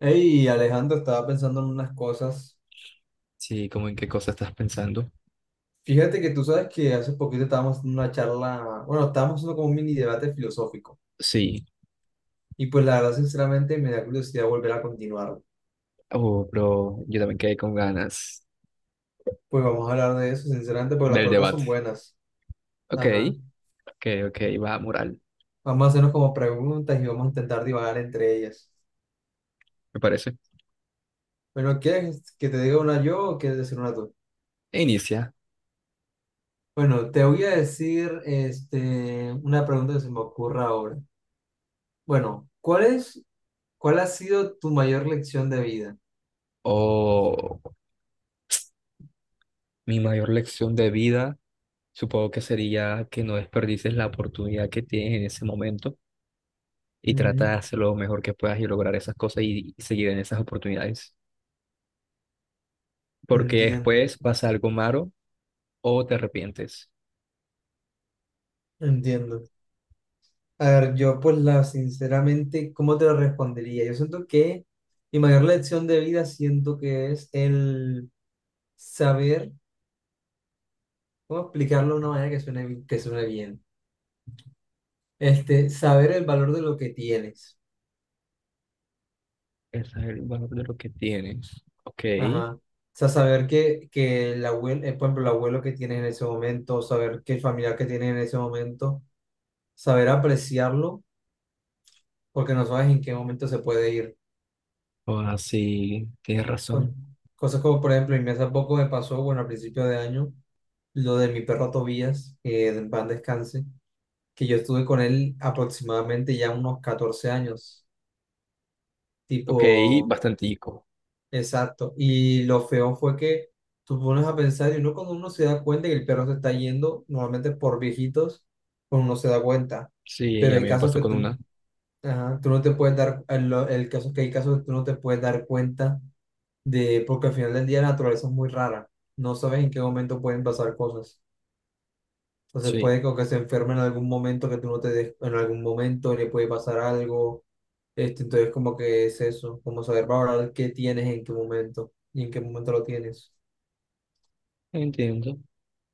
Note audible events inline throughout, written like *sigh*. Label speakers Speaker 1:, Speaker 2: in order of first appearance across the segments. Speaker 1: Hey, Alejandro, estaba pensando en unas cosas.
Speaker 2: Sí, ¿como en qué cosa estás pensando?
Speaker 1: Fíjate que tú sabes que hace poquito estábamos en una charla, bueno, estábamos haciendo como un mini debate filosófico.
Speaker 2: Sí,
Speaker 1: Y pues la verdad, sinceramente, me da curiosidad volver a continuarlo.
Speaker 2: oh, pero yo también quedé con ganas
Speaker 1: Pues vamos a hablar de eso, sinceramente, porque las
Speaker 2: del
Speaker 1: preguntas son
Speaker 2: debate.
Speaker 1: buenas.
Speaker 2: Ok,
Speaker 1: Ajá.
Speaker 2: ok, ok, va, moral,
Speaker 1: Vamos a hacernos como preguntas y vamos a intentar divagar entre ellas.
Speaker 2: me parece.
Speaker 1: Bueno, ¿quieres que te diga una yo o quieres decir una tú?
Speaker 2: E inicia.
Speaker 1: Bueno, te voy a decir una pregunta que se me ocurra ahora. Bueno, cuál ha sido tu mayor lección de vida?
Speaker 2: Oh, mi mayor lección de vida, supongo que sería que no desperdices la oportunidad que tienes en ese momento y trata
Speaker 1: Ujú.
Speaker 2: de hacer lo mejor que puedas y lograr esas cosas y seguir en esas oportunidades. Porque
Speaker 1: Entiendo,
Speaker 2: después pasa algo malo o te arrepientes.
Speaker 1: entiendo. A ver, yo pues sinceramente, ¿cómo te lo respondería? Yo siento que mi mayor lección de vida siento que es el saber, ¿cómo explicarlo de una manera que suene bien? Saber el valor de lo que tienes.
Speaker 2: Ese es el valor de lo que tienes. Ok.
Speaker 1: Ajá. O sea, saber que el abuelo, por ejemplo, el abuelo que tienes en ese momento, saber que el familiar que tienes en ese momento, saber apreciarlo, porque no sabes en qué momento se puede ir.
Speaker 2: O así, tienes
Speaker 1: co-
Speaker 2: razón.
Speaker 1: Cosas como, por ejemplo, y mí hace poco me pasó, bueno, al principio de año, lo de mi perro Tobías, que en paz descanse, que yo estuve con él aproximadamente ya unos 14 años, tipo
Speaker 2: Ok, bastantico.
Speaker 1: exacto. Y lo feo fue que tú pones a pensar, y uno cuando uno se da cuenta que el perro se está yendo, normalmente por viejitos, pues uno no se da cuenta.
Speaker 2: Sí,
Speaker 1: Pero
Speaker 2: a
Speaker 1: hay
Speaker 2: mí me
Speaker 1: casos
Speaker 2: pasó
Speaker 1: que
Speaker 2: con
Speaker 1: tú,
Speaker 2: una.
Speaker 1: ajá, tú no te puedes dar, el caso es que hay casos que tú no te puedes dar cuenta de, porque al final del día la naturaleza es muy rara. No sabes en qué momento pueden pasar cosas. Entonces
Speaker 2: Sí,
Speaker 1: puede que se enferme en algún momento que tú no te des, en algún momento le puede pasar algo. Entonces como que es eso, como saber valorar qué tienes en qué momento y en qué momento lo tienes.
Speaker 2: entiendo.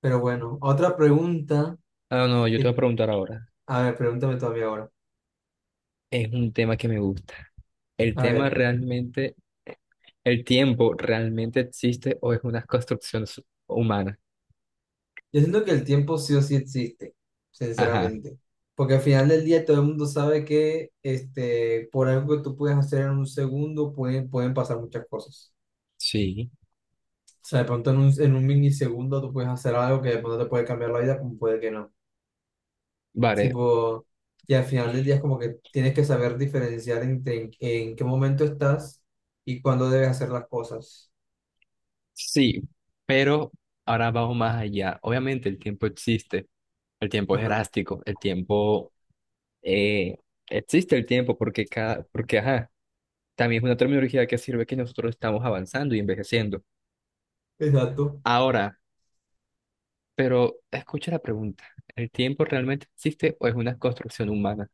Speaker 1: Pero bueno, otra pregunta.
Speaker 2: Ah, no, yo te voy
Speaker 1: que-
Speaker 2: a preguntar ahora.
Speaker 1: A ver, pregúntame tú a mí ahora.
Speaker 2: Es un tema que me gusta. ¿El
Speaker 1: A
Speaker 2: tema
Speaker 1: ver.
Speaker 2: realmente, el tiempo realmente existe o es una construcción humana?
Speaker 1: Yo siento que el tiempo sí o sí existe,
Speaker 2: Ajá,
Speaker 1: sinceramente. Porque al final del día todo el mundo sabe que por algo que tú puedes hacer en un segundo pueden pasar muchas cosas.
Speaker 2: sí.
Speaker 1: O sea, de pronto en un milisegundo tú puedes hacer algo que de pronto te puede cambiar la vida, como puede que no.
Speaker 2: Vale,
Speaker 1: Tipo, y al final del día es como que tienes que saber diferenciar entre en qué momento estás y cuándo debes hacer las cosas.
Speaker 2: sí, pero ahora vamos más allá. Obviamente el tiempo existe. El tiempo es
Speaker 1: Ajá,
Speaker 2: elástico, el tiempo eh, existe el tiempo porque cada, porque ajá, también es una terminología que sirve que nosotros estamos avanzando y envejeciendo.
Speaker 1: exacto.
Speaker 2: Ahora, pero escucha la pregunta. ¿El tiempo realmente existe o es una construcción humana?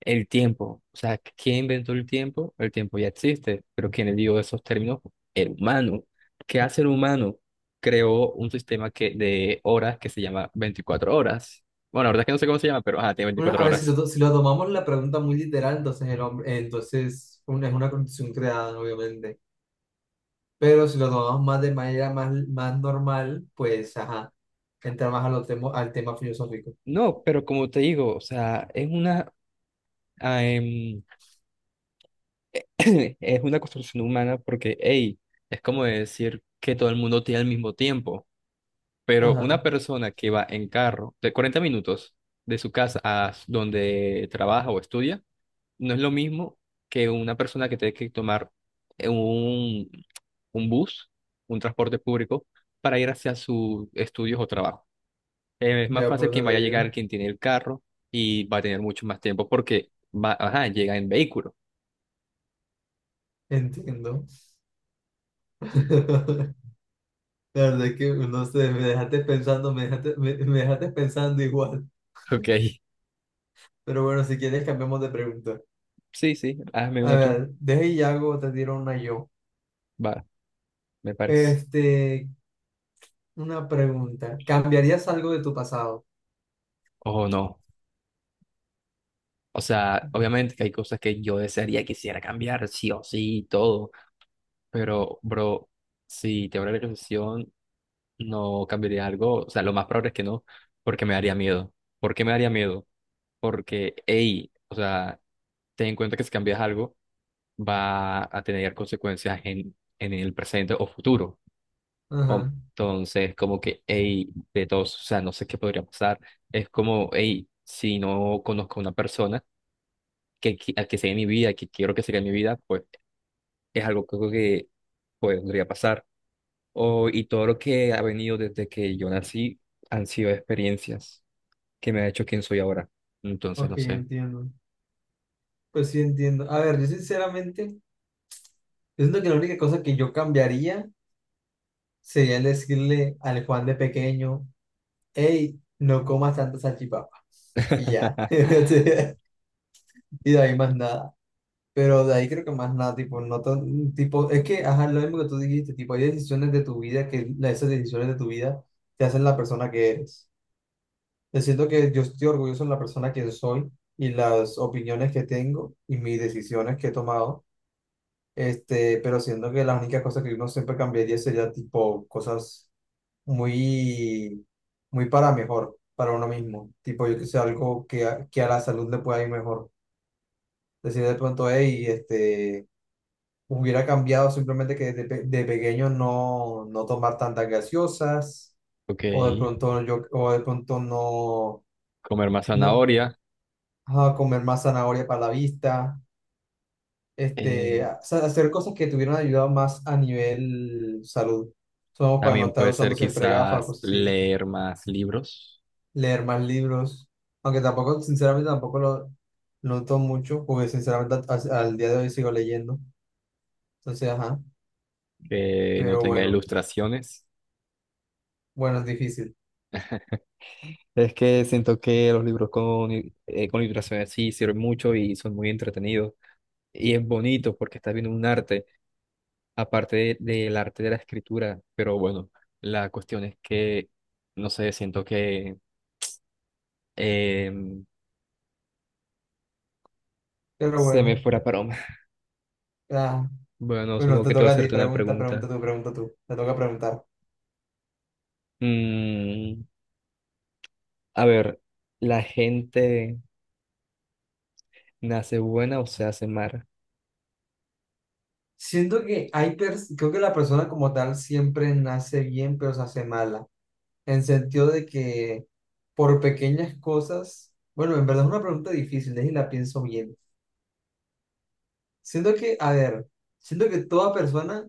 Speaker 2: El tiempo, o sea, ¿quién inventó el tiempo? El tiempo ya existe, pero ¿quién le dio esos términos? El humano. ¿Qué hace el humano? Creó un sistema que, de horas que se llama 24 horas. Bueno, la verdad es que no sé cómo se llama, pero ajá, tiene
Speaker 1: Bueno,
Speaker 2: 24
Speaker 1: a ver, si
Speaker 2: horas.
Speaker 1: lo, si lo tomamos la pregunta muy literal, entonces, el hombre, entonces es una construcción creada, ¿no? Obviamente. Pero si lo tomamos más de manera más normal, pues, ajá, entra más a al tema filosófico.
Speaker 2: No, pero como te digo, o sea, es una ah, em, *laughs* *clears throat* es una construcción humana porque, hey, es como decir que todo el mundo tiene el mismo tiempo, pero una
Speaker 1: Ajá,
Speaker 2: persona que va en carro de 40 minutos de su casa a donde trabaja o estudia, no es lo mismo que una persona que tiene que tomar eh, un, un bus, un transporte público, para ir hacia sus estudios o trabajo. Es más
Speaker 1: ya por
Speaker 2: fácil
Speaker 1: eso
Speaker 2: quien
Speaker 1: te
Speaker 2: vaya a
Speaker 1: digo,
Speaker 2: llegar, quien tiene el carro y va a tener mucho más tiempo porque va, ajá, llega en vehículo. *laughs*
Speaker 1: entiendo. *laughs* La verdad es que, no sé, me dejaste pensando, me dejaste pensando igual.
Speaker 2: Ok,
Speaker 1: Pero bueno, si quieres, cambiamos de pregunta.
Speaker 2: sí, sí, hazme
Speaker 1: A
Speaker 2: uno tú.
Speaker 1: ver, te tiro una yo.
Speaker 2: Va, me parece.
Speaker 1: Este, una pregunta. ¿Cambiarías algo de tu pasado?
Speaker 2: O no. O sea, obviamente que hay cosas que yo desearía, quisiera cambiar, sí o sí, y todo. Pero, bro, si te abre la concesión, no cambiaría algo. O sea, lo más probable es que no, porque me daría miedo. ¿Por qué me daría miedo? Porque, hey, o sea, ten en cuenta que si cambias algo, va a tener consecuencias en el presente o futuro.
Speaker 1: Ajá,
Speaker 2: Entonces, como que, hey, de todos, o sea, no sé qué podría pasar. Es como, hey, si no conozco a una persona que, al que sea mi vida, que quiero que sea mi vida, pues es algo que, creo que pues, podría pasar. O, y todo lo que ha venido desde que yo nací han sido experiencias que me ha hecho quien soy ahora. Entonces,
Speaker 1: ok,
Speaker 2: no sé.
Speaker 1: entiendo. Pues sí, entiendo. A ver, yo sinceramente, yo siento que la única cosa que yo cambiaría sería el decirle al Juan de pequeño, hey, no comas tanta salchipapa. Y ya.
Speaker 2: *laughs*
Speaker 1: *laughs* Y de ahí más nada. Pero de ahí creo que más nada, tipo, no tan- tipo, es que, ajá, lo mismo que tú dijiste, tipo, hay decisiones de tu vida esas decisiones de tu vida te hacen la persona que eres. Yo siento que yo estoy orgulloso de la persona que soy y las opiniones que tengo y mis decisiones que he tomado. Pero siento que las únicas cosas que uno siempre cambiaría sería tipo cosas muy, muy para mejor, para uno mismo. Tipo, yo que sé, algo que a la salud le pueda ir mejor. Decir de pronto, hey, hubiera cambiado simplemente de pequeño no tomar tantas gaseosas,
Speaker 2: Ok,
Speaker 1: o de pronto no,
Speaker 2: comer más
Speaker 1: no
Speaker 2: zanahoria.
Speaker 1: comer más zanahoria para la vista,
Speaker 2: eh,
Speaker 1: hacer cosas que te hubieran ayudado más a nivel salud. Somos para no
Speaker 2: También
Speaker 1: estar
Speaker 2: puede
Speaker 1: usando
Speaker 2: ser
Speaker 1: siempre gafas,
Speaker 2: quizás
Speaker 1: cosas así,
Speaker 2: leer más libros
Speaker 1: leer más libros, aunque tampoco, sinceramente, tampoco lo noto mucho, porque sinceramente al día de hoy sigo leyendo. Entonces, ajá,
Speaker 2: que no
Speaker 1: pero
Speaker 2: tenga
Speaker 1: bueno,
Speaker 2: ilustraciones.
Speaker 1: bueno, es difícil,
Speaker 2: Es que siento que los libros con ilustraciones sí sirven mucho y son muy entretenidos. Y es bonito porque estás viendo un arte, aparte del arte de la escritura. Pero bueno, la cuestión es que, no sé, siento que em,
Speaker 1: pero
Speaker 2: se me
Speaker 1: bueno,
Speaker 2: fuera paloma. *laughs*
Speaker 1: ah,
Speaker 2: Bueno,
Speaker 1: bueno,
Speaker 2: supongo
Speaker 1: te
Speaker 2: que te voy a
Speaker 1: toca a ti,
Speaker 2: hacerte una
Speaker 1: pregunta,
Speaker 2: pregunta.
Speaker 1: pregunta tú, te toca preguntar.
Speaker 2: Mm, a ver, ¿la gente nace buena o se hace mala?
Speaker 1: Siento que creo que la persona como tal siempre nace bien, pero se hace mala. En sentido de que por pequeñas cosas, bueno, en verdad es una pregunta difícil, y la pienso bien. Siento que, a ver, siento que toda persona,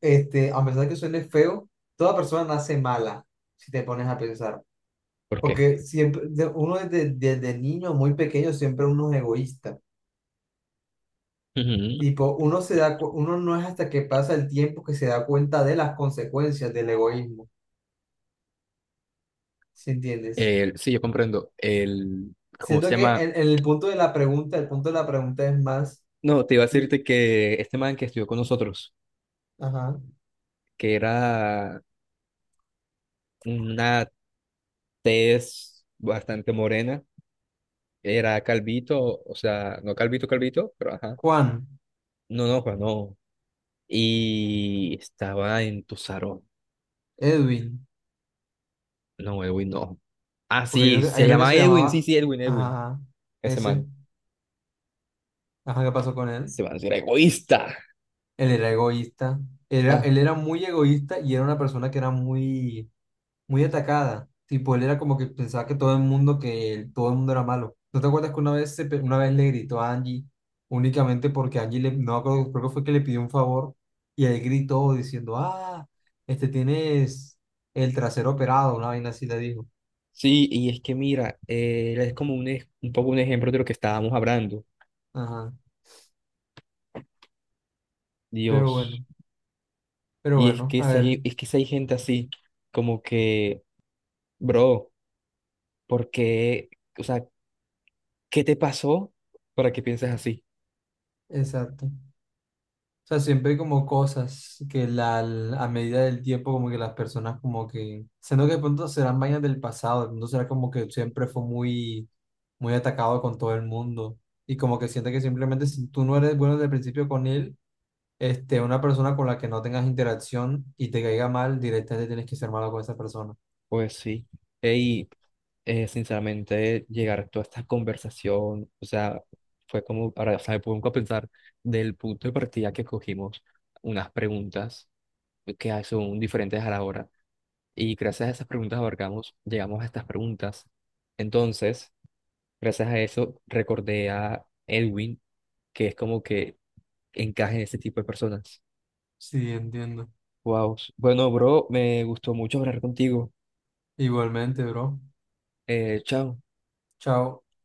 Speaker 1: a pesar de que suene feo, toda persona nace mala, si te pones a pensar.
Speaker 2: ¿Por qué?
Speaker 1: Porque siempre, uno desde niño, muy pequeño, siempre uno es egoísta.
Speaker 2: Ujú.
Speaker 1: Tipo, uno se da, cu- uno no es hasta que pasa el tiempo que se da cuenta de las consecuencias del egoísmo, ¿sí entiendes?
Speaker 2: Sí, yo comprendo. El, ¿cómo se
Speaker 1: Siento que
Speaker 2: llama?
Speaker 1: en el punto de la pregunta, el punto de la pregunta, es más.
Speaker 2: No, te iba a decirte que este man que estudió con nosotros,
Speaker 1: Ajá.
Speaker 2: que era una tez bastante morena, era calvito, o sea, no calvito, calvito, pero ajá,
Speaker 1: Juan,
Speaker 2: no, no, Juan, no. Y estaba en tu salón.
Speaker 1: Edwin,
Speaker 2: No, Edwin, no. Ah,
Speaker 1: porque hay uno
Speaker 2: sí,
Speaker 1: que, hay
Speaker 2: se
Speaker 1: uno que
Speaker 2: llama
Speaker 1: se
Speaker 2: Edwin, sí,
Speaker 1: llamaba,
Speaker 2: sí, Edwin, Edwin.
Speaker 1: ajá,
Speaker 2: Ese
Speaker 1: ese,
Speaker 2: man,
Speaker 1: ajá, ¿qué pasó con él?
Speaker 2: Ese man era egoísta.
Speaker 1: Él era egoísta,
Speaker 2: Ah,
Speaker 1: él era muy egoísta y era una persona que era muy, muy atacada, tipo, él era como que pensaba que todo el mundo, todo el mundo era malo. ¿No te acuerdas que una vez, una vez le gritó a Angie únicamente porque Angie, no me acuerdo, creo que fue que le pidió un favor y él gritó diciendo, ah, este tienes el trasero operado, una vaina así le dijo.
Speaker 2: sí, y es que mira, él es como un, un poco un ejemplo de lo que estábamos hablando.
Speaker 1: Ajá, pero
Speaker 2: Dios.
Speaker 1: bueno. Pero
Speaker 2: Y es
Speaker 1: bueno,
Speaker 2: que
Speaker 1: a
Speaker 2: si
Speaker 1: ver,
Speaker 2: hay, es que si hay gente así, como que, bro, ¿por qué? O sea, ¿qué te pasó para que pienses así?
Speaker 1: exacto. O sea, siempre hay como cosas a medida del tiempo como que las personas como que, siendo que de pronto serán vainas del pasado, de pronto será como que siempre fue muy, muy atacado con todo el mundo y como que siente que simplemente si tú no eres bueno desde el principio con él, una persona con la que no tengas interacción y te caiga mal, directamente tienes que ser malo con esa persona.
Speaker 2: Pues sí. Y sinceramente, llegar a toda esta conversación, o sea, fue como para, o sea, me pongo a pensar del punto de partida que cogimos, unas preguntas que son diferentes a la hora. Y gracias a esas preguntas abarcamos, llegamos a estas preguntas. Entonces, gracias a eso, recordé a Edwin que es como que encaje en este tipo de personas.
Speaker 1: Sí, entiendo.
Speaker 2: Wow. Bueno, bro, me gustó mucho hablar contigo.
Speaker 1: Igualmente, bro.
Speaker 2: Chao.
Speaker 1: Chao.